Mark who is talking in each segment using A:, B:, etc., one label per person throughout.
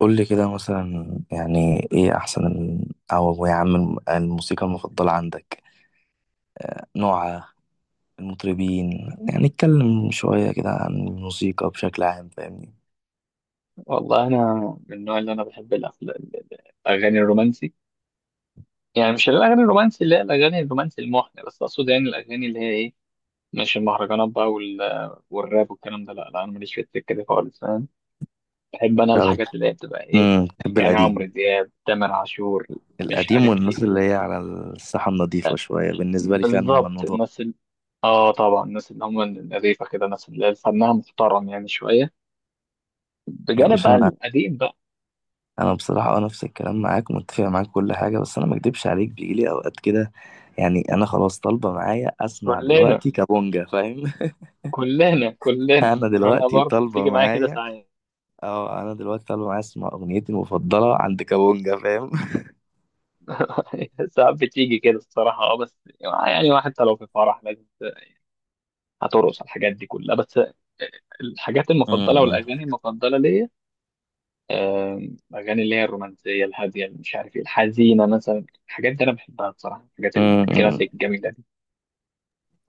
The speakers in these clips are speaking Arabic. A: قول لي كده مثلا، يعني ايه احسن او يا عم الموسيقى المفضلة عندك، نوعها، المطربين؟ يعني اتكلم شوية كده عن الموسيقى بشكل عام فاهمني.
B: والله انا من النوع اللي انا بحب الاغاني الرومانسي. يعني مش الاغاني الرومانسي اللي هي الاغاني الرومانسي المحن، بس اقصد يعني الاغاني اللي هي ايه، مش المهرجانات بقى والراب والكلام ده، لا لا انا ماليش في السكه دي خالص، فاهم؟ بحب انا
A: طب،
B: الحاجات اللي هي بتبقى ايه،
A: بحب
B: يعني عمرو
A: القديم.
B: دياب، تامر عاشور، مش
A: القديم
B: عارف
A: والناس
B: ايه
A: اللي هي على الساحة النظيفة شوية بالنسبة لي، فعلا هم
B: بالظبط.
A: النضاف.
B: اه طبعا الناس اللي هم النظيفه كده، الناس اللي فنها محترم يعني شويه،
A: يا
B: بجانب
A: باشا
B: بقى
A: انا
B: القديم بقى.
A: انا بصراحة نفس الكلام، معاك، متفق معاك كل حاجة، بس انا ما اكدبش عليك، بيجيلي اوقات كده يعني انا خلاص طالبة معايا اسمع
B: كلنا
A: دلوقتي كابونجا، فاهم؟
B: كلنا كلنا.
A: انا
B: انا
A: دلوقتي
B: برضو
A: طالبة
B: بتيجي معايا كده
A: معايا.
B: ساعات.
A: اه انا دلوقتي طالع معايا اسمع اغنيتي المفضله عند كابونجا، فاهم؟
B: ساعات بتيجي كده الصراحة اه، بس يعني واحد حتى لو في فرح لازم هترقص على الحاجات دي كلها. بس الحاجات المفضلة
A: أمم.
B: والأغاني المفضلة ليا، آم، الأغاني اللي هي الرومانسية الهادية اللي مش عارف ايه، الحزينة مثلا، الحاجات دي أنا بحبها بصراحة، الحاجات
A: أمم.
B: الكلاسيك الجميلة دي.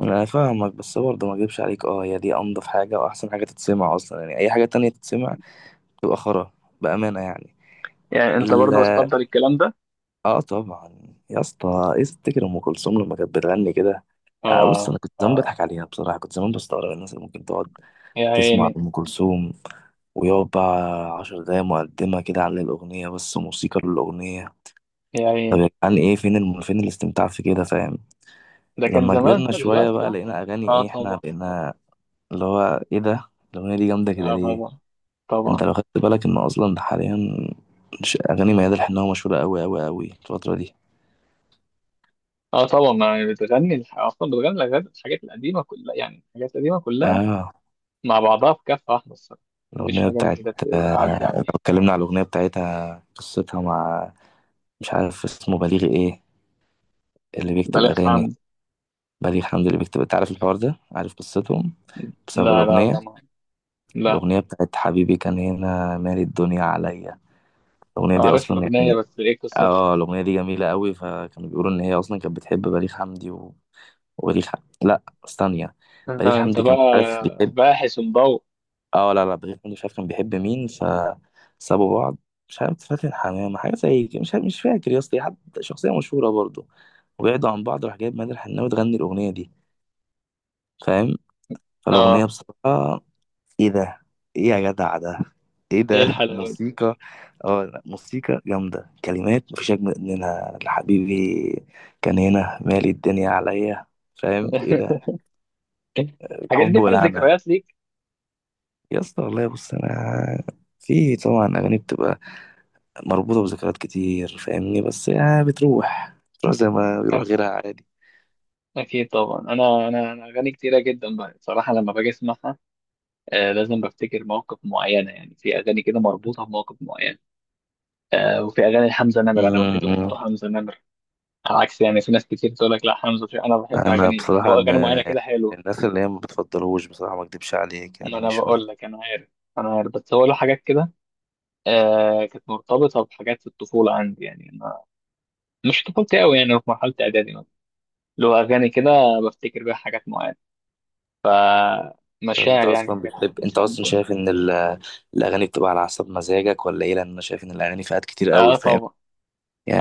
A: انا فاهمك، بس برضه ما اجيبش عليك، هي دي انضف حاجه واحسن حاجه تتسمع اصلا، يعني اي حاجه تانية تتسمع تبقى خرا، بامانه يعني.
B: يعني أنت برضه
A: ال-
B: بتفضل الكلام ده؟
A: اه طبعا. يا اسطى ايه تفتكر؟ ام كلثوم لما كانت بتغني كده. آه، بص
B: آه.
A: انا كنت زمان
B: آه،
A: بضحك عليها بصراحه، كنت زمان بستغرب الناس اللي ممكن تقعد
B: يا
A: تسمع
B: عيني.
A: ام كلثوم ويقعد بقى عشر دقايق مقدمه كده عن الاغنيه، بس موسيقى للاغنيه.
B: يا
A: طب
B: عيني،
A: يا جدعان، فين الاستمتاع في كده، فاهم؟
B: ده كان
A: لما
B: زمان
A: كبرنا
B: بقى،
A: شوية
B: دلوقتي
A: بقى
B: لا.
A: لقينا اغاني،
B: آه
A: ايه احنا
B: طبعا.
A: بقينا اللي هو ايه ده، الاغنية دي جامدة كده
B: آه
A: ليه.
B: طبعا.
A: انت
B: طبعا.
A: لو خدت بالك ان اصلا ده حاليا اغاني ميادة الحناوي مشهورة قوي قوي قوي الفترة دي.
B: اه طبعا، ما بتغني اصلا بتغني الحاجات، الحاجات القديمه كلها يعني الحاجات القديمه كلها
A: اه،
B: مع بعضها في كفه واحده الصراحه، مفيش
A: الاغنية
B: حاجه
A: بتاعت...
B: جديده تعدي
A: آه، لو
B: عليها.
A: اتكلمنا على الاغنية بتاعتها، قصتها مع، مش عارف اسمه، بليغ ايه، اللي
B: ده
A: بيكتب
B: لك
A: اغاني،
B: حمد.
A: بليغ حمدي اللي بيكتب، انت عارف الحوار ده، عارف قصتهم بسبب
B: لا لا لا
A: الاغنية؟
B: ما لا.
A: الاغنية بتاعت حبيبي كان هنا مالي الدنيا عليا، الأغنية دي
B: عارف
A: أصلا
B: الاغنيه،
A: يعني،
B: بس ايه قصتها؟
A: اه الأغنية دي جميلة قوي، فكانوا بيقولوا إن هي أصلا كانت بتحب بليغ حمدي و... وبليغ ح... لا ثانية،
B: انت
A: بليغ
B: انت
A: حمدي كان
B: بقى
A: مش عارف بيحب.
B: باحث ومضوء.
A: اه لا لا، بليغ حمدي مش عارف كان بيحب مين، فسابوا بعض، مش عارف فاتن حمامة حاجة زي كده، مش عارف، مش فاكر يا اسطى، حد شخصية مشهورة برضه، وبعدوا عن بعض راح جايب مادر الحناوي تغني الأغنية دي، فاهم؟ فالاغنيه
B: اه.
A: بصراحه ايه ده، ايه يا جدع ده، ايه
B: ايه
A: ده
B: الحلاوه دي!
A: موسيقى. اه لا، موسيقى جامده، كلمات مفيش اجمل منها، لحبيبي كان هنا مالي الدنيا عليا، فاهم ايه ده،
B: الحاجات
A: حب
B: دي فيها
A: ولعنه.
B: ذكريات ليك.
A: يا اسطى والله، بص، انا في طبعا اغاني بتبقى مربوطه بذكريات كتير فاهمني، بس يعني بتروح زي ما بيروح
B: أكيد.
A: غيرها عادي.
B: أكيد طبعا. أنا أغاني كتيرة جدا بقى بصراحة لما باجي أسمعها، آه، لازم بفتكر مواقف معينة. يعني في أغاني كده مربوطة بمواقف معينة. آه، وفي اغاني حمزه نمر، انا بحب
A: م-
B: برضه
A: م.
B: حمزه نمر. على عكس يعني، في ناس كتير تقول لك لا حمزه انا بحب
A: انا
B: اغاني اللي
A: بصراحه
B: هو اغاني معينه
A: ما يعني،
B: كده حلوه.
A: الناس اللي هي ما بتفضلوش بصراحه ما اكدبش عليك،
B: ما
A: يعني
B: انا
A: مش من...
B: بقول لك انا عارف. انا عارف، بس هو له حاجات كده. آه، كانت مرتبطه بحاجات في الطفوله عندي، يعني أنا مش طفولتي قوي، يعني في مرحله اعدادي مثلا، له اغاني كده بفتكر بيها حاجات معينه،
A: طب
B: فمشاعر يعني حاجات معينه،
A: انت اصلا
B: فهمت؟
A: شايف ان الاغاني بتبقى على حسب مزاجك ولا ايه، لان انا شايف ان الاغاني فئات كتير قوي،
B: اه
A: فاهم؟
B: طبعا.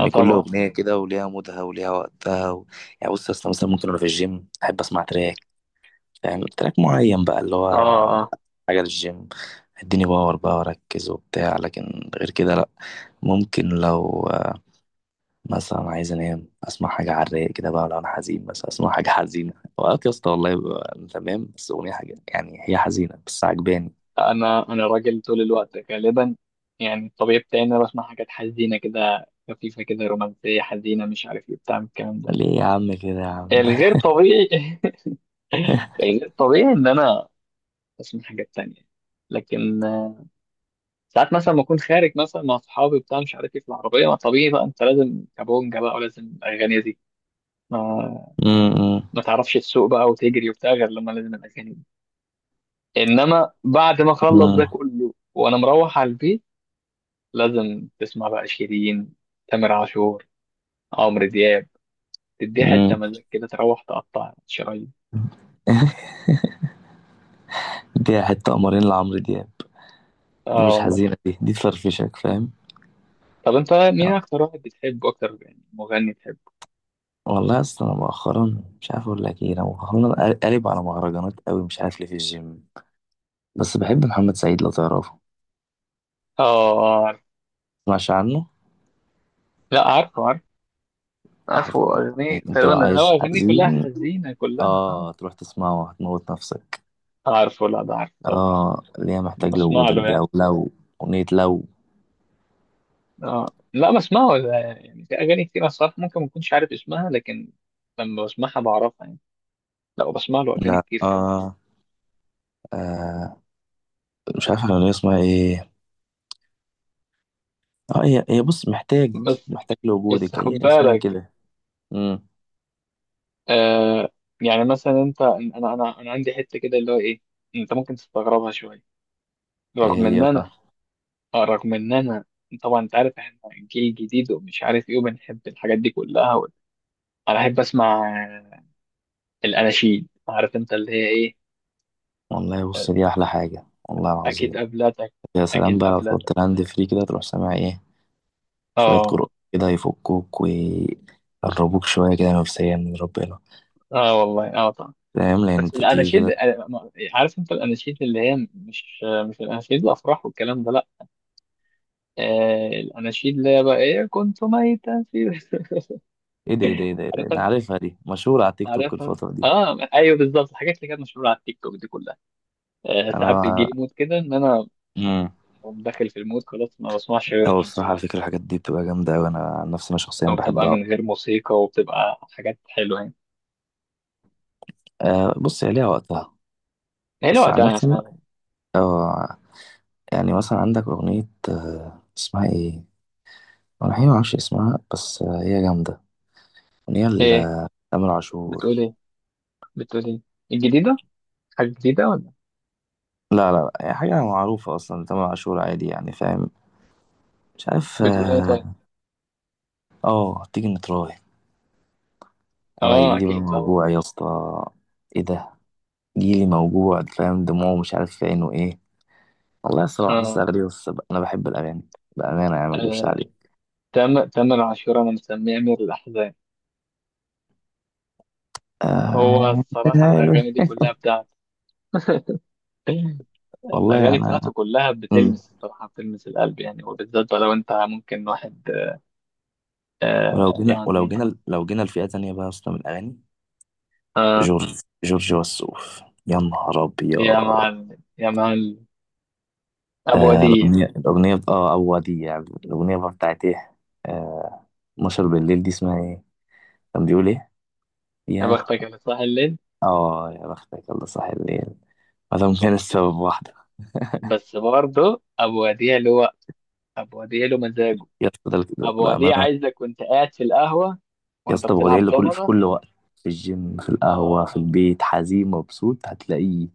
B: اه
A: كل
B: طبعا.
A: اغنيه كده وليها مودها وليها وقتها و... يعني بص اصلا مثلا ممكن انا في الجيم احب اسمع تراك، فاهم؟ تراك معين بقى، اللي
B: اه.
A: هو
B: آه.
A: حاجه للجيم، اديني باور بقى واركز وبتاع، لكن غير كده لا. ممكن لو مثلا عايز انام اسمع حاجه على الرايق كده بقى، لو انا حزين بس اسمع حاجه حزينه. اوقات يا اسطى والله بيبقى تمام، بس اغنيه حاجه يعني هي حزينه بس عجباني.
B: انا انا راجل طول الوقت غالبا، يعني الطبيعي بتاعي ان انا بسمع حاجات حزينه كده، خفيفه كده، رومانسيه حزينه، مش عارف ايه بتاع من الكلام ده.
A: ليه يا عم كده يا عم.
B: الغير طبيعي الغير طبيعي ان انا اسمع حاجات تانية. لكن آه، ساعات مثلا ما اكون خارج مثلا مع اصحابي بتاع مش عارف ايه في العربيه، ما طبيعي بقى انت لازم كابونجا بقى ولازم الاغاني دي، ما
A: امم
B: ما تعرفش تسوق بقى وتجري وبتاع غير لما لازم الاغاني دي. انما بعد ما اخلص
A: امم
B: ده كله وانا مروح على البيت، لازم تسمع بقى شيرين، تامر عاشور، عمرو دياب، تديه حتة
A: امم
B: مزاج كده تروح تقطع شرايين.
A: دي حتة قمرين لعمرو دياب، دي
B: اه
A: مش
B: والله.
A: حزينة دي تفرفشك، فاهم؟
B: طب انت مين اكتر واحد بتحبه اكتر، يعني مغني بتحبه؟
A: والله اصلا انا مؤخرا مش عارف اقول لك ايه، انا مؤخرا قالب على مهرجانات قوي، مش عارف ليه، في الجيم. بس بحب محمد سعيد، لو تعرفه.
B: اه، عارف.
A: مش عنه.
B: لا، عارفه عارفه. عارفه
A: عارف،
B: اغنية
A: يعني انت لو
B: تقريبا، هو
A: عايز
B: اغانيه كلها
A: حزين
B: حزينة كلها اه.
A: اه تروح تسمعه هتموت نفسك.
B: عارفه، لا ده عارفه طبعا.
A: اه، ليه محتاج
B: بسمع
A: لوجودك
B: له
A: دي،
B: يعني.
A: او لو اغنية لو،
B: اه لا بسمعه ده، يعني في اغاني كتير الصراحة ممكن ما اكونش عارف اسمها لكن لما بسمعها بعرفها يعني. لا بسمع له اغاني
A: لا،
B: كتير.
A: اه، آه. مش عارف الاغنية اسمها ايه، اه هي بص، محتاج
B: بس.
A: محتاج
B: بس
A: لوجودك
B: خد
A: هي اسمها
B: بالك.
A: كده. امم
B: آه. يعني مثلا انت، انا عندي حته كده اللي هو ايه، انت ممكن تستغربها شويه،
A: ايه
B: رغم ان
A: هي بقى.
B: انا، آه، رغم ان انا، طبعا انت عارف احنا جيل جديد ومش عارف ايه وبنحب الحاجات دي كلها انا احب اسمع آه، الاناشيد. عارف انت اللي هي ايه؟
A: والله
B: آه.
A: بص دي احلى حاجه والله
B: اكيد
A: العظيم.
B: قبلتك.
A: يا سلام
B: اكيد
A: بقى لو تحط
B: قبلتك.
A: الهاند فري كده تروح سامع ايه، شويه
B: اه.
A: قرآن كده يفكوك ويقربوك شويه كده نفسيا من ربنا،
B: اه والله اه طبعا.
A: فاهم؟ لان
B: بس
A: انت بتيجي
B: الاناشيد
A: كده.
B: آه، عارف انت الاناشيد اللي هي مش آه، مش الاناشيد الافراح والكلام ده، لا. آه الاناشيد اللي هي بقى ايه، كنت ميتا في
A: ايه ده، ايه ده، ايه ده، إيه ده؟ انا
B: عارفها.
A: عارفها دي، مشهوره على التيك توك
B: عارفها.
A: الفتره دي.
B: اه ايوه بالظبط، الحاجات اللي كانت مشهوره على التيك توك دي كلها. آه ساعات بيجي
A: انا
B: لي مود كده ان انا
A: امم
B: أقوم داخل في المود خلاص ما بسمعش
A: هو
B: غيرهم
A: بصراحه على
B: الصراحه.
A: فكره الحاجات دي بتبقى جامده، وانا عن نفسي انا شخصيا
B: او بتبقى
A: بحبها.
B: من غير موسيقى وبتبقى حاجات حلوه يعني.
A: أه، بص هي ليها وقتها.
B: حلوه
A: بس عن
B: وقتها
A: نفسي
B: فعلا.
A: اه يعني مثلا عندك أغنية، اسمها إيه؟ أنا الحقيقة معرفش اسمها، بس هي جامدة. أغنية
B: ايه
A: لتامر
B: بتقول
A: عاشور.
B: ايه؟ بتقول ايه؟ الجديده، حاجه جديده ولا؟
A: لا لا لا، هي حاجة معروفة أصلا لتامر عاشور، عادي يعني، فاهم؟ مش عارف
B: بتقول ايه طيب؟
A: تيجي نتراهن، أو
B: اه
A: هيجيلي بقى
B: اكيد طبعا.
A: موجوع يا اسطى، إيه ده؟ جيلي موجوع فاهم، دموعه مش عارف في عينه إيه. والله الصراحة، بس
B: اه.
A: أغاني، أنا بحب الأغاني بأمانة يعني، ما أكدبش
B: آه.
A: عليك.
B: تم تم العاشوره انا مسميه امير الاحزان، هو
A: آه...
B: الصراحه الاغاني دي كلها بتاعته.
A: والله
B: الأغاني
A: أنا.
B: بتاعته كلها
A: مم.
B: بتلمس الصراحة، بتلمس القلب يعني، وبالذات لو أنت ممكن واحد.
A: ولو
B: آه
A: جينا ولو
B: يعني.
A: جينا لو جينا لفئة تانية بقى يا اسطى من الأغاني،
B: آه،
A: جورج وسوف، يا نهار
B: يا
A: ابيض.
B: مع ال... يا مع ال... أبو
A: آه،
B: وديع يعني.
A: الاغنيه الاغنيه بت- اه او دي يعني، الاغنيه بقى بتاعت ايه؟ آه، 12 بالليل، دي اسمها ايه؟ كان بيقول ايه؟
B: يا
A: يا
B: بختك اللي صاحي الليل.
A: اه يا بختك الله صح الليل، ما دام كان السبب واحده.
B: بس برضه أبو وديع له وقت. أبو وديع له مزاجه.
A: يا اسطى ده
B: أبو وديع
A: بامانه.
B: عايزك وأنت قاعد في القهوة
A: يا
B: وأنت
A: اسطى بودعي
B: بتلعب
A: له كل في
B: ضمنة.
A: كل وقت، في الجيم، في القهوه، في
B: آه.
A: البيت، حزين، مبسوط، هتلاقيه.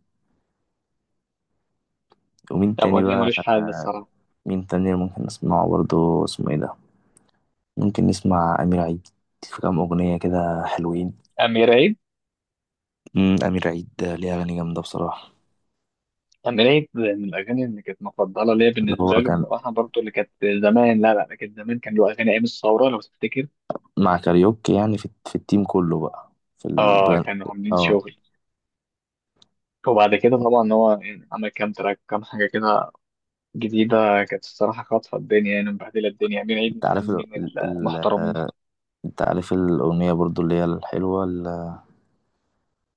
A: ومين
B: أبو
A: تاني
B: وديع ملوش
A: بقى؟
B: حل
A: آه،
B: الصراحة.
A: مين تاني ممكن نسمعه برضه، اسمه ايه ده؟ ممكن نسمع امير عيد، في كام اغنيه كده حلوين.
B: أمير عيد.
A: امير عيد ده ليه اغاني جامده بصراحه.
B: أمير عيد من الأغاني اللي كانت مفضلة ليا
A: اللي
B: بالنسبة
A: هو
B: له
A: كان
B: بصراحة برضه، اللي كانت زمان، لا لا كانت زمان كان له أغاني أيام الثورة لو تفتكر.
A: مع كاريوكي، يعني في التيم كله بقى، في
B: اه
A: البراند.
B: كانوا عاملين
A: اه.
B: شغل. وبعد كده طبعا هو عمل كام تراك، كام حاجة كده جديدة، كانت الصراحة خاطفة الدنيا، يعني مبهدلة الدنيا، عاملين عيد من
A: انت عارف
B: الفنانين المحترمين.
A: انت عارف الاغنيه برضو اللي هي الحلوه،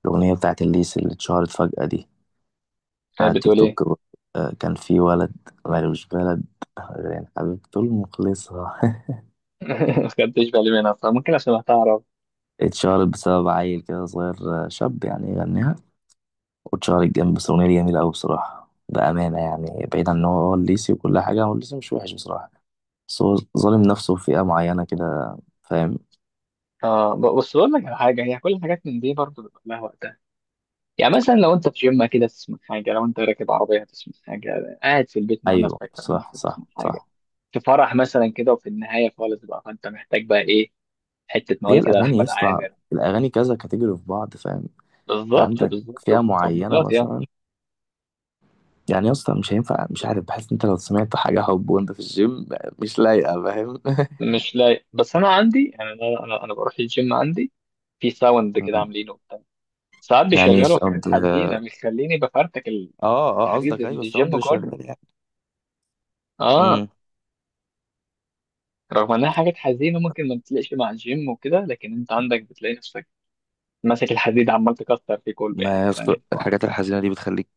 A: الاغنيه بتاعت الليس اللي اتشهرت فجاه دي
B: آه،
A: على التيك
B: بتقول ايه؟
A: توك برضو. كان في ولد مالوش بلد غير حبيبته المخلصة.
B: ما خدتش بالي منها فممكن عشان هتعرف.
A: اتشهرت بسبب عيل كده صغير، شاب يعني يغنيها، واتشهرت جنب، بس الأغنية دي جميلة أوي بصراحة، بأمانة يعني، بعيد عن إن هو الليسي وكل حاجة، هو الليسي مش وحش بصراحة، بس هو ظالم نفسه في فئة معينة كده، فاهم؟
B: بس بقول لك على حاجة، هي كل الحاجات من دي برضه بيبقى لها وقتها. يعني مثلا لو انت في جيم كده تسمع حاجة، لو انت راكب عربية تسمع حاجة، قاعد في البيت مع
A: أيوه،
B: نفسك فاهم
A: صح
B: انت تسمع
A: صح
B: حاجة،
A: صح.
B: في فرح مثلا كده، وفي النهاية خالص بقى فانت محتاج بقى ايه، حتة
A: هي
B: مواويل كده
A: الأغاني يا
B: لأحمد
A: اسطى،
B: عامر.
A: الأغاني كذا كاتيجوري في بعض، فاهم؟ أنت
B: بالظبط
A: عندك
B: بالظبط.
A: فئة معينة
B: تفضيلات يعني.
A: مثلا، يعني يا اسطى مش هينفع، مش عارف، بحس إن أنت لو سمعت حاجة حب وأنت في الجيم مش لايقة، فاهم؟
B: مش لايق. بس انا عندي يعني، أنا بروح الجيم عندي في ساوند كده عاملينه وبتاع، ساعات
A: يعني
B: بيشغلوا حاجات
A: ساوند،
B: حزينه بيخليني بفرتك
A: اه
B: الحديد
A: قصدك أيوه الساوند
B: الجيم
A: اللي
B: كله.
A: شغال يعني.
B: اه
A: امم.
B: رغم انها حاجات حزينه ممكن ما بتلاقيش مع الجيم وكده، لكن انت عندك بتلاقي نفسك ماسك الحديد عمال تكسر فيه كله، يعني
A: ما يا
B: أنت
A: اسطى
B: فاهم.
A: الحاجات الحزينة دي بتخليك،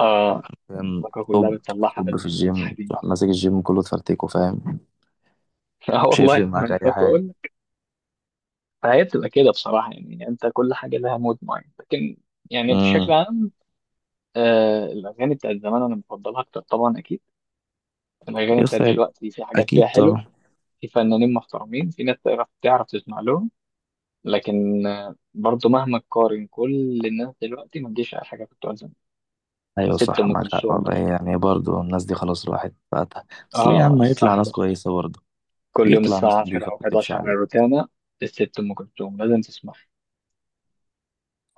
B: اه
A: فاهم؟
B: الطاقه كلها
A: طب
B: بتطلعها
A: طب في
B: في
A: الجيم
B: الحديد.
A: تروح ماسك الجيم كله تفرتكه، فاهم؟
B: اه
A: مش
B: والله
A: هيفرق
B: ما
A: معاك
B: انا خايف
A: أي
B: اقول لك. فهي بتبقى كده بصراحه، يعني انت كل حاجه لها مود معين. لكن يعني بشكل
A: حاجة.
B: عام، آه الأغاني بتاعت زمان أنا بفضلها أكتر طبعا أكيد. الأغاني
A: يس،
B: بتاعت دلوقتي في حاجات فيها
A: اكيد
B: حلو،
A: طبعا.
B: في فنانين محترمين، في ناس تعرف تسمع لهم، لكن آه برضو مهما تقارن كل الناس دلوقتي ما تجيش على حاجة بتوع زمان.
A: ايوه
B: ست
A: صح،
B: أم
A: معاك حق
B: كلثوم
A: والله،
B: مثلا،
A: يعني برضه الناس دي خلاص الواحد بقى، بس ليه يا
B: آه
A: عم،
B: الساعة
A: هيطلع ناس
B: 11،
A: كويسه برضه،
B: كل يوم
A: بيطلع
B: الساعة
A: ناس نضيفه
B: 10
A: ما
B: أو
A: تكذبش
B: 11 على
A: عليه.
B: الروتانا الست أم كلثوم لازم تسمعها.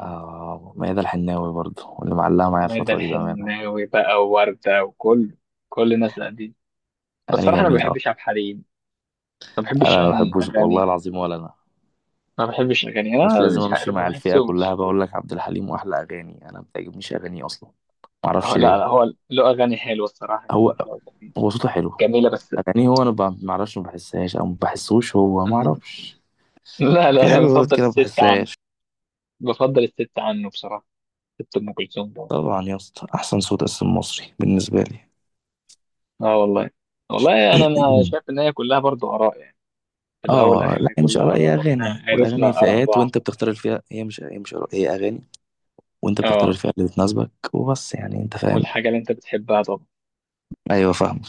A: آه، ميادة الحناوي برضه، واللي معلقه معايا
B: وهذا
A: الفتره دي بامانه،
B: الحناوي بقى، ووردة، وكل كل الناس دي. بس
A: اغاني
B: صراحة أنا ما
A: جميله.
B: بحبش عبد الحليم. ما بحبش
A: انا ما
B: يعني
A: بحبوش والله
B: أغاني،
A: العظيم، ولا انا
B: ما بحبش الاغاني،
A: مش
B: انا
A: لازم
B: مش عارف
A: امشي
B: ما
A: مع الفئه كلها،
B: بحسهمش.
A: بقول لك عبد الحليم واحلى اغاني انا ما بتعجبنيش اغانيه اصلا، ما
B: اه
A: اعرفش
B: لا لا،
A: ليه.
B: هو له اغاني حلوه الصراحه،
A: هو
B: يعني له اغاني
A: هو صوته حلو،
B: جميله بس.
A: اغانيه هو انا ما اعرفش، ما بحسهاش او ما بحسوش، هو ما
B: أمم،
A: اعرفش،
B: لا
A: في
B: لا لا
A: حاجه غلط
B: بفضل
A: كده ما
B: الست عنه.
A: بحسهاش.
B: بفضل الست عنه بصراحه. ست ام كلثوم طبعا.
A: طبعا يا اسطى، احسن صوت اصلا مصري بالنسبه لي.
B: اه والله. والله انا ما شايف ان هي كلها برضو اراء يعني، في الاول
A: اه
B: والاخر
A: لا،
B: هي
A: هي مش
B: كلها
A: اراء، هي
B: اراء
A: اغاني،
B: واحنا عرفنا
A: والاغاني
B: اراء
A: فئات
B: بعض.
A: وانت بتختار الفئه، هي مش اراء، هي اغاني، وانت بتختار
B: اه
A: الفئه اللي بتناسبك وبس يعني، انت فاهم؟
B: والحاجه اللي انت بتحبها طبعا.
A: ايوه، فاهم.